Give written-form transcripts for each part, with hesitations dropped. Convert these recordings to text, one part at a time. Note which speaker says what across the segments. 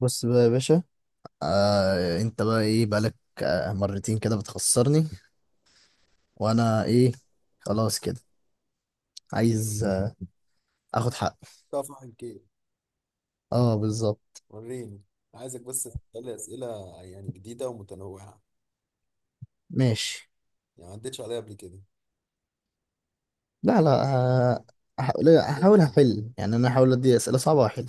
Speaker 1: بص بقى يا باشا. آه انت بقى ايه بقالك؟ آه مرتين كده بتخسرني. وانا ايه؟ خلاص كده. عايز اخد حق.
Speaker 2: طبعا كده.
Speaker 1: اه بالظبط.
Speaker 2: وريني. عايزك بس تسألي أسئلة يعني جديدة ومتنوعة،
Speaker 1: ماشي.
Speaker 2: يعني ما عدتش عليها قبل كده.
Speaker 1: لا لا آه، هحاول
Speaker 2: ابدأ يا معلم.
Speaker 1: هحل يعني انا هحاول ادي اسئله صعبه واحل.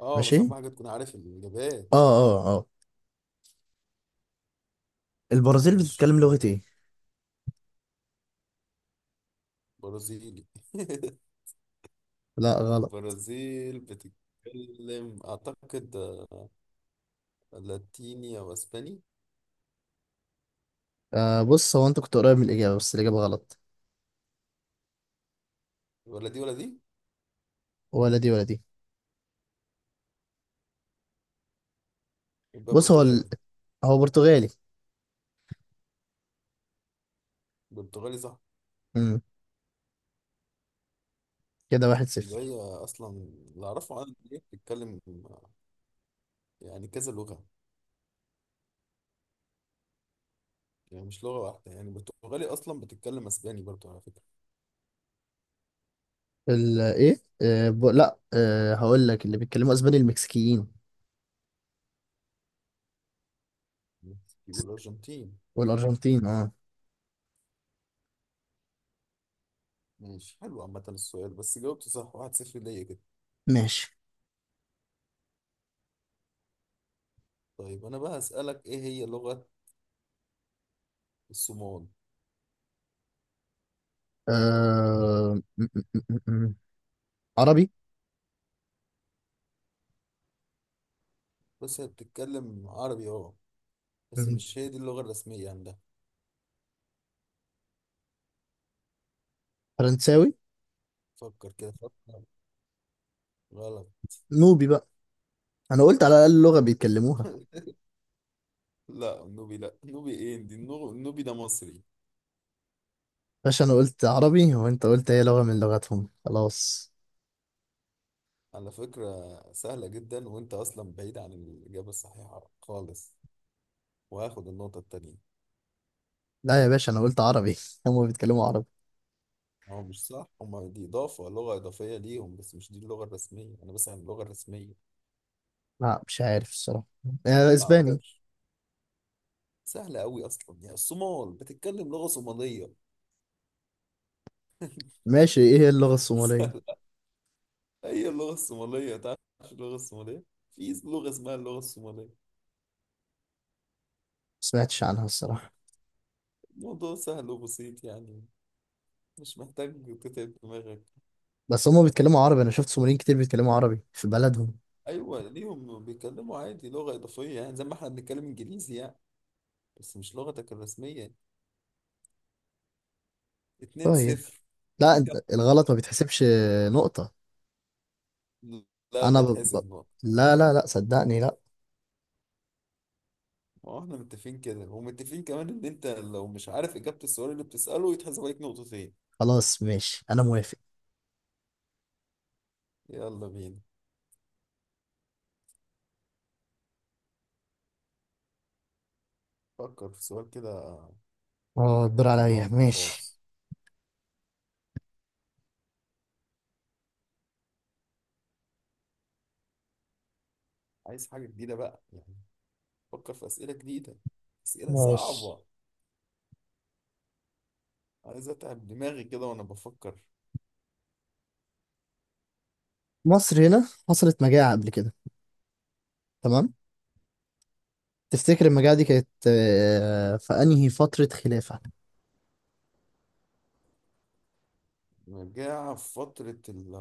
Speaker 2: اه، بس
Speaker 1: ماشي.
Speaker 2: أهم حاجة تكون عارف الإجابات.
Speaker 1: اه اه اه البرازيل
Speaker 2: ماشي
Speaker 1: بتتكلم
Speaker 2: يلا
Speaker 1: لغه
Speaker 2: بينا.
Speaker 1: ايه؟
Speaker 2: برازيلي.
Speaker 1: لا غلط.
Speaker 2: البرازيل بتتكلم أعتقد لاتيني أو أسباني.
Speaker 1: بص هو انت كنت قريب من الاجابه بس الاجابه غلط.
Speaker 2: ولا دي ولا دي.
Speaker 1: ولا دي ولا دي.
Speaker 2: يبقى
Speaker 1: بص هو
Speaker 2: برتغالي.
Speaker 1: هو برتغالي.
Speaker 2: برتغالي صح.
Speaker 1: امم كده واحد
Speaker 2: يبقى
Speaker 1: صفر
Speaker 2: هي أصلا اللي أعرفه عنها إن هي بتتكلم، آه، يعني كذا لغة، يعني مش لغة واحدة، يعني برتغالي أصلا بتتكلم أسباني برضه على فكرة.
Speaker 1: ال ايه آه ب... لا هقول لك اللي بيتكلموا اسباني المكسيكيين
Speaker 2: مكسيكي والأرجنتين.
Speaker 1: والارجنتين. اه
Speaker 2: ماشي حلو، عامة السؤال بس جاوبت صح، 1-0 ليا كده.
Speaker 1: ماشي.
Speaker 2: طيب أنا بقى هسألك إيه هي لغة الصومال؟
Speaker 1: آه... م- م- م- م- م. عربي.
Speaker 2: بس هي بتتكلم عربي أه، بس
Speaker 1: م-
Speaker 2: مش هي دي اللغة الرسمية عندها.
Speaker 1: فرنساوي.
Speaker 2: فكر كده فكر. غلط.
Speaker 1: نوبي بقى. انا قلت على الاقل لغة بيتكلموها.
Speaker 2: لا النوبي لا النوبي إيه دي؟ النوبي ده مصري.
Speaker 1: باشا انا قلت عربي وانت قلت هي لغة من لغتهم خلاص.
Speaker 2: على فكرة سهلة جدا، وأنت أصلا بعيد عن الإجابة الصحيحة خالص، وهاخد النقطة التانية.
Speaker 1: لا يا باشا انا قلت عربي هم بيتكلموا عربي.
Speaker 2: هو مش صح، هما دي إضافة لغة إضافية ليهم، بس مش دي اللغة الرسمية، أنا بسأل عن اللغة الرسمية.
Speaker 1: لا مش عارف الصراحة.
Speaker 2: بعرف.
Speaker 1: اسباني.
Speaker 2: سهلة أوي أصلا، يعني الصومال بتتكلم لغة صومالية.
Speaker 1: ماشي. ايه هي اللغة الصومالية؟ ما
Speaker 2: سهلة. هي اللغة الصومالية. تعرف اللغة الصومالية؟ في لغة اسمها اللغة الصومالية.
Speaker 1: سمعتش عنها الصراحة.
Speaker 2: الموضوع سهل وبسيط يعني، مش محتاج تتعب دماغك.
Speaker 1: بس هم بيتكلموا عربي انا شفت صوماليين كتير بيتكلموا عربي في بلدهم.
Speaker 2: أيوة ليهم بيتكلموا عادي لغة إضافية، يعني زي ما إحنا بنتكلم إنجليزي يعني، بس مش لغتك الرسمية. اتنين
Speaker 1: طيب.
Speaker 2: صفر
Speaker 1: لا انت الغلط ما بيتحسبش نقطة.
Speaker 2: لا
Speaker 1: انا ب...
Speaker 2: بتحسب نقطة.
Speaker 1: لا لا لا صدقني لا.
Speaker 2: ما هو إحنا متفقين كده، ومتفقين كمان إن أنت لو مش عارف إجابة السؤال اللي بتسأله يتحسب عليك نقطتين.
Speaker 1: خلاص ماشي انا موافق.
Speaker 2: يلا بينا، فكر في سؤال كده
Speaker 1: اه الدور
Speaker 2: من
Speaker 1: عليا.
Speaker 2: نوع
Speaker 1: ماشي.
Speaker 2: خاص. عايز حاجة جديدة بقى يعني، بفكر في أسئلة جديدة، أسئلة
Speaker 1: ماشي.
Speaker 2: صعبة. عايز أتعب دماغي كده وأنا بفكر.
Speaker 1: مصر هنا حصلت مجاعة قبل كده. تمام. تفتكر المجاعة دي كانت في انهي فترة خلافة؟
Speaker 2: مجاعة في فترة ال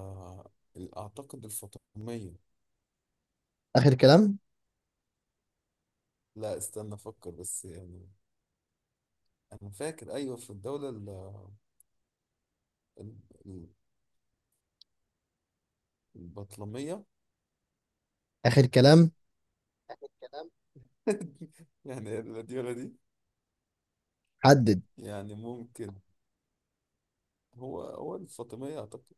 Speaker 2: ال- أعتقد الفاطمية.
Speaker 1: اخر كلام.
Speaker 2: لا استنى أفكر بس يعني. أنا فاكر أيوة في الدولة ال- ال- البطلمية.
Speaker 1: اخر كلام.
Speaker 2: يعني لا دي ولا دي.
Speaker 1: حدد.
Speaker 2: يعني ممكن. هو الفاطمية أعتقد.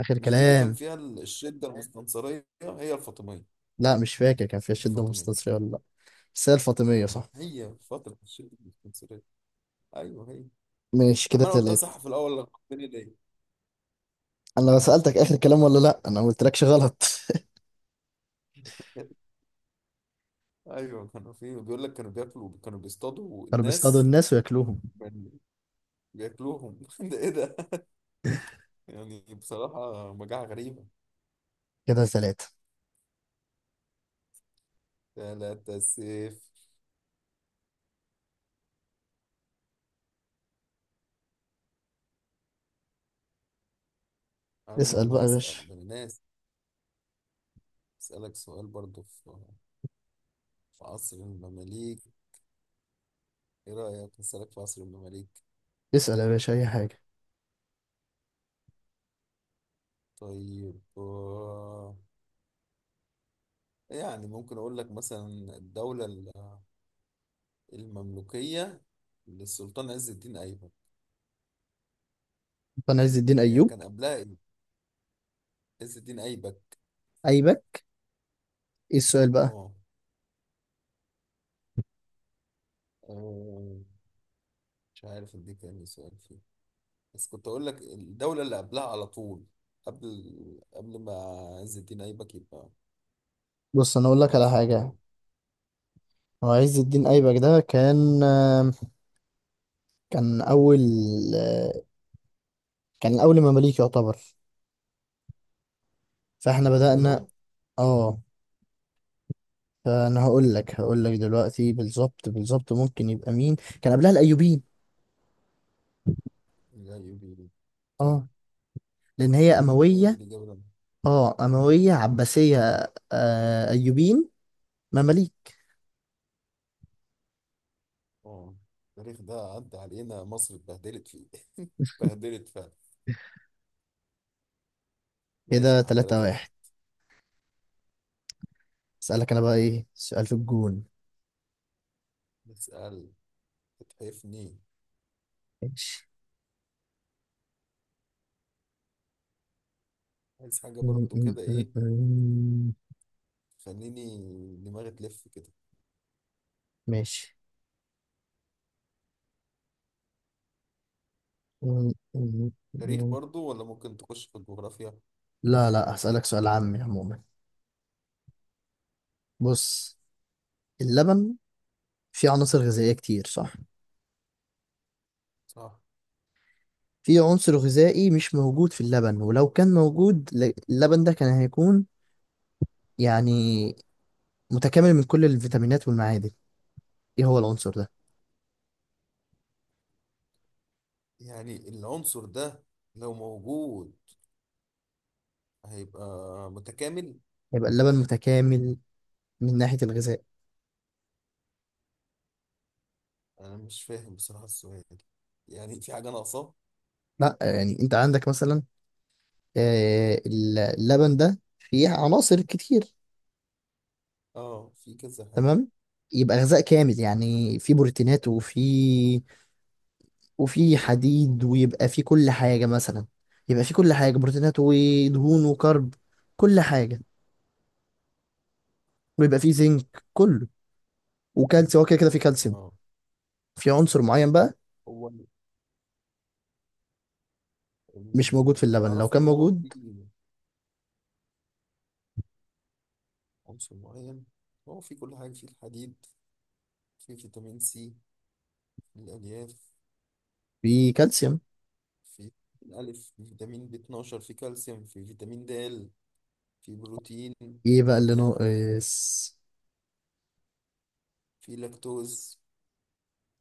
Speaker 1: اخر
Speaker 2: مش دي اللي كان
Speaker 1: كلام.
Speaker 2: فيها الشدة المستنصرية؟ هي الفاطمية.
Speaker 1: لا مش فاكر كان فيها شدة
Speaker 2: الفاطمية
Speaker 1: مستنصرة ولا لا. بس هي الفاطمية صح.
Speaker 2: هي فترة الشتاء في الاسكندرية. ايوه هي.
Speaker 1: ماشي
Speaker 2: طب
Speaker 1: كده
Speaker 2: ما انا قلتها
Speaker 1: 3.
Speaker 2: صح في الاول، لك الدنيا ليه.
Speaker 1: انا لو سألتك اخر كلام ولا لا انا ما قلتلكش غلط.
Speaker 2: ايوه كانوا، في بيقول لك كانوا بياكلوا، كانوا بيصطادوا
Speaker 1: كانوا بيصطادوا
Speaker 2: الناس،
Speaker 1: الناس وياكلوهم.
Speaker 2: كانوا بياكلوهم. ده ايه ده؟ يعني بصراحة مجاعة غريبة.
Speaker 1: كده 3.
Speaker 2: لا تسيف، انا
Speaker 1: اسأل
Speaker 2: اللي
Speaker 1: بقى يا باشا.
Speaker 2: هسأل ده الناس. اسألك سؤال برضو في عصر المماليك. ايه رأيك اسألك في عصر المماليك؟
Speaker 1: اسأل يا باشا أي حاجة.
Speaker 2: طيب يعني ممكن اقول لك مثلا الدولة المملوكية للسلطان عز الدين أيبك.
Speaker 1: أنا عز الدين
Speaker 2: هي
Speaker 1: أيوب.
Speaker 2: كان قبلها إيه؟ عز الدين أيبك.
Speaker 1: أيبك. إيه السؤال بقى؟
Speaker 2: اه آه، مش عارف دي كان إيه سؤال فيه، بس كنت أقول لك الدولة اللي قبلها على طول، قبل قبل ما عز الدين أيبك يبقى
Speaker 1: بص أنا أقول لك
Speaker 2: يبقى
Speaker 1: على حاجة.
Speaker 2: سلطان
Speaker 1: هو عز الدين أيبك ده كان آم، كان أول آه، كان أول مماليك يعتبر. فإحنا
Speaker 2: من
Speaker 1: بدأنا.
Speaker 2: أولهم.
Speaker 1: آه فأنا هقول لك دلوقتي بالظبط بالظبط ممكن يبقى مين كان قبلها؟ الأيوبيين.
Speaker 2: الأيوبيين، صح.
Speaker 1: آه لأن هي
Speaker 2: هي دي
Speaker 1: أموية.
Speaker 2: الإجابة اللي أنا-.
Speaker 1: أموية عباسية. أيوبيين مماليك.
Speaker 2: اه التاريخ ده عدى علينا، مصر اتبهدلت فيه. اتبهدلت فعلا. ماشي
Speaker 1: كده
Speaker 2: يا عم،
Speaker 1: تلاتة
Speaker 2: 3 واحد.
Speaker 1: واحد أسألك أنا بقى إيه سؤال في الجون.
Speaker 2: نسأل تتحفني.
Speaker 1: ماشي.
Speaker 2: عايز حاجة
Speaker 1: م-
Speaker 2: برضو
Speaker 1: م-
Speaker 2: كده
Speaker 1: م-
Speaker 2: إيه.
Speaker 1: م-
Speaker 2: خليني، دماغي تلف كده.
Speaker 1: ماشي. م- م-
Speaker 2: تاريخ
Speaker 1: م-
Speaker 2: برضو ولا ممكن تخش في الجغرافيا؟
Speaker 1: لا لا هسألك سؤال عامي عموما. بص، اللبن فيه عناصر غذائية كتير صح؟
Speaker 2: صح.
Speaker 1: في عنصر غذائي مش موجود في اللبن ولو كان موجود اللبن ده كان هيكون يعني متكامل من كل الفيتامينات والمعادن. ايه هو العنصر ده؟
Speaker 2: يعني العنصر ده لو موجود هيبقى متكامل.
Speaker 1: هيبقى اللبن متكامل من ناحية الغذاء.
Speaker 2: انا مش فاهم بصراحة السؤال، يعني في حاجة ناقصة.
Speaker 1: لا يعني انت عندك مثلا اللبن ده فيه عناصر كتير.
Speaker 2: اه في كذا حاجة.
Speaker 1: تمام. يبقى غذاء كامل يعني في بروتينات وفي حديد ويبقى في كل حاجة مثلا. يبقى في كل حاجة بروتينات ودهون وكرب كل حاجة. ويبقى في زنك كله وكالسيوم، هو كده كده في كالسيوم.
Speaker 2: اه
Speaker 1: في عنصر معين بقى
Speaker 2: هو
Speaker 1: مش موجود في
Speaker 2: اللي
Speaker 1: اللبن لو
Speaker 2: اعرفه
Speaker 1: كان
Speaker 2: ان هو
Speaker 1: موجود
Speaker 2: في عنصر معين. هو في كل حاجة، في الحديد، في فيتامين سي، في الالياف،
Speaker 1: في كالسيوم.
Speaker 2: في الالف، في فيتامين ب 12، في كالسيوم، في فيتامين د، في بروتين.
Speaker 1: ايه بقى اللي
Speaker 2: قلناها،
Speaker 1: ناقص؟
Speaker 2: في لاكتوز.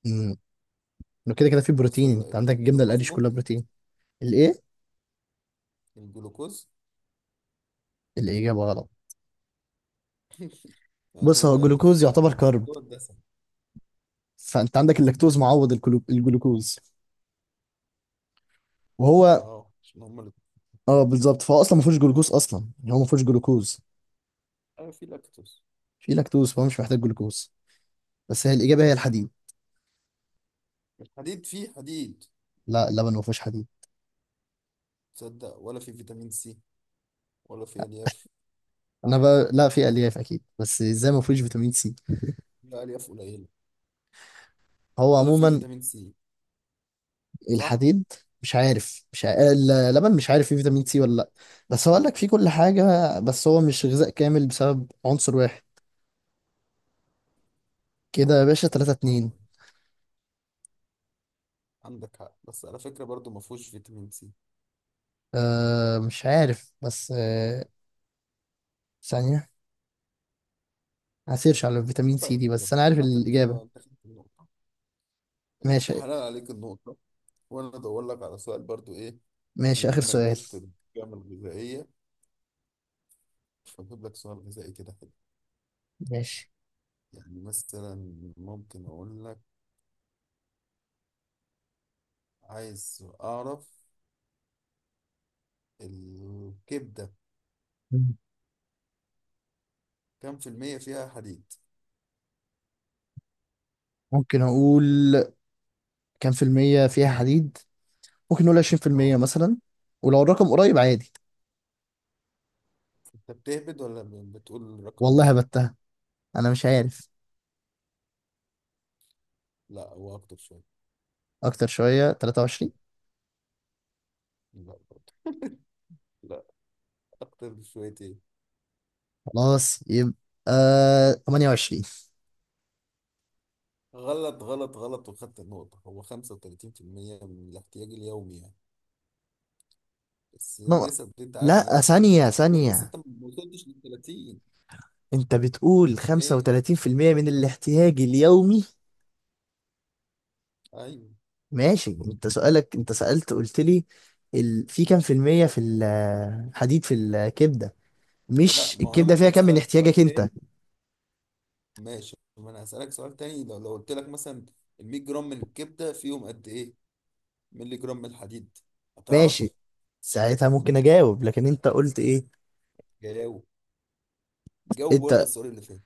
Speaker 1: امم لو كده كده في
Speaker 2: بص
Speaker 1: بروتين انت عندك الجبنة
Speaker 2: الجلوكوز
Speaker 1: القريش كلها
Speaker 2: ممكن.
Speaker 1: بروتين. الايه؟
Speaker 2: الجلوكوز.
Speaker 1: الإجابة غلط. بص
Speaker 2: عشان
Speaker 1: هو
Speaker 2: بألف.
Speaker 1: الجلوكوز يعتبر كرب.
Speaker 2: هو الدسم.
Speaker 1: فانت عندك اللاكتوز معوض الجلوكوز وهو.
Speaker 2: اه عشان هما الاتنين.
Speaker 1: اه بالظبط. فهو اصلا ما فيهوش جلوكوز اصلا يعني هو ما فيهوش جلوكوز.
Speaker 2: آه في لاكتوز.
Speaker 1: في لاكتوز فهو مش محتاج جلوكوز. بس هي الاجابه هي الحديد.
Speaker 2: الحديد فيه حديد؟
Speaker 1: لا اللبن ما فيهوش حديد.
Speaker 2: تصدق ولا في فيتامين سي ولا في ألياف؟
Speaker 1: انا بقى لا في الياف اكيد بس ازاي ما فيهوش فيتامين سي؟
Speaker 2: لا ألياف قليلة،
Speaker 1: هو
Speaker 2: ولا في
Speaker 1: عموما
Speaker 2: فيتامين سي، صح؟
Speaker 1: الحديد. مش عارف مش ع... اللبن مش عارف فيه فيتامين سي ولا لا. بس هو قال لك فيه كل حاجه بس هو مش غذاء كامل بسبب عنصر واحد. كده يا باشا 3
Speaker 2: اه
Speaker 1: 2
Speaker 2: عندك حق، بس على فكرة برضو ما فيهوش فيتامين سي.
Speaker 1: آه مش عارف بس ثانيه. هسيرش على الفيتامين سي
Speaker 2: طيب
Speaker 1: دي بس
Speaker 2: خلاص
Speaker 1: انا عارف
Speaker 2: عامة
Speaker 1: الاجابه.
Speaker 2: كده انت خدت النقطة، انت
Speaker 1: ماشي.
Speaker 2: حلال عليك النقطة، وانا ادور لك على سؤال برضو ايه.
Speaker 1: ماشي
Speaker 2: بما
Speaker 1: اخر
Speaker 2: انك
Speaker 1: سؤال.
Speaker 2: جبت القيم الغذائية فأجيب لك سؤال غذائي كده حلو.
Speaker 1: ماشي.
Speaker 2: يعني مثلا، ممكن أقول لك، عايز أعرف الكبدة
Speaker 1: مم.
Speaker 2: كم في المية فيها حديد؟
Speaker 1: ممكن اقول كام في المية فيها حديد. ممكن نقول 20%
Speaker 2: اه.
Speaker 1: مثلا ولو الرقم قريب عادي.
Speaker 2: أنت بتهبد ولا بتقول رقم؟
Speaker 1: والله هبتها انا مش عارف.
Speaker 2: لا هو أكتر شوية.
Speaker 1: اكتر شوية 23.
Speaker 2: لا برضه، لا أكتر بشويتين.
Speaker 1: خلاص يبقى 28.
Speaker 2: غلط غلط غلط، وخدت النقطة، هو 35% من الاحتياج اليومي يعني، بس
Speaker 1: نو-
Speaker 2: النسب دي أنت عارف إن هي
Speaker 1: لا
Speaker 2: ما بتبقاش
Speaker 1: ثانية
Speaker 2: دقيقة أوي، بس
Speaker 1: ثانية
Speaker 2: أنت ما وصلتش لل 30.
Speaker 1: انت بتقول
Speaker 2: إيه؟
Speaker 1: 35% من الاحتياج اليومي؟
Speaker 2: أيوه.
Speaker 1: ماشي. انت سؤالك انت سألت قلت لي في كام في المية في الحديد في الكبدة.
Speaker 2: لا
Speaker 1: مش
Speaker 2: ما هو أنا
Speaker 1: الكبدة فيها
Speaker 2: ممكن
Speaker 1: كام من
Speaker 2: أسألك
Speaker 1: احتياجك
Speaker 2: سؤال
Speaker 1: انت.
Speaker 2: تاني. ماشي، ما انا هسألك سؤال تاني. لو قلت لك مثلا ال 100 جرام من الكبدة فيهم قد ايه مللي جرام من الحديد،
Speaker 1: ماشي
Speaker 2: هتعرف؟
Speaker 1: ساعتها ممكن اجاوب لكن انت قلت ايه؟
Speaker 2: جاوب، جاوب
Speaker 1: انت،
Speaker 2: والغي السؤال اللي فات.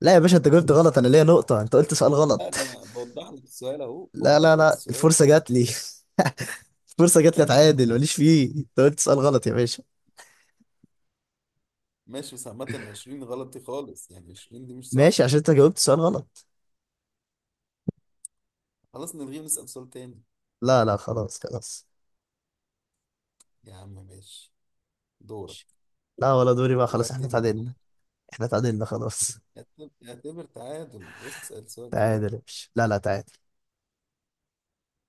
Speaker 1: لا يا باشا انت جاوبت غلط انا ليا نقطة انت قلت سؤال
Speaker 2: لا
Speaker 1: غلط.
Speaker 2: ده انا بوضح لك السؤال اهو،
Speaker 1: لا
Speaker 2: بوضح
Speaker 1: لا
Speaker 2: لك
Speaker 1: لا
Speaker 2: السؤال.
Speaker 1: الفرصة جات لي. الفرصة جات لي اتعادل، ماليش فيه، انت قلت سؤال غلط يا باشا.
Speaker 2: ماشي، بس عامة 20 غلط دي خالص، يعني 20 دي مش صح.
Speaker 1: ماشي عشان انت جاوبت سؤال غلط.
Speaker 2: خلاص نلغيه ونسأل سؤال تاني.
Speaker 1: لا لا خلاص خلاص.
Speaker 2: يا عم ماشي. دورك.
Speaker 1: لا ولا دوري بقى خلاص احنا
Speaker 2: واعتبر،
Speaker 1: اتعادلنا. احنا اتعادلنا خلاص.
Speaker 2: اعتبر اعتبر تعادل واسأل سؤال كمان.
Speaker 1: تعادل يا باشا لا لا تعادل.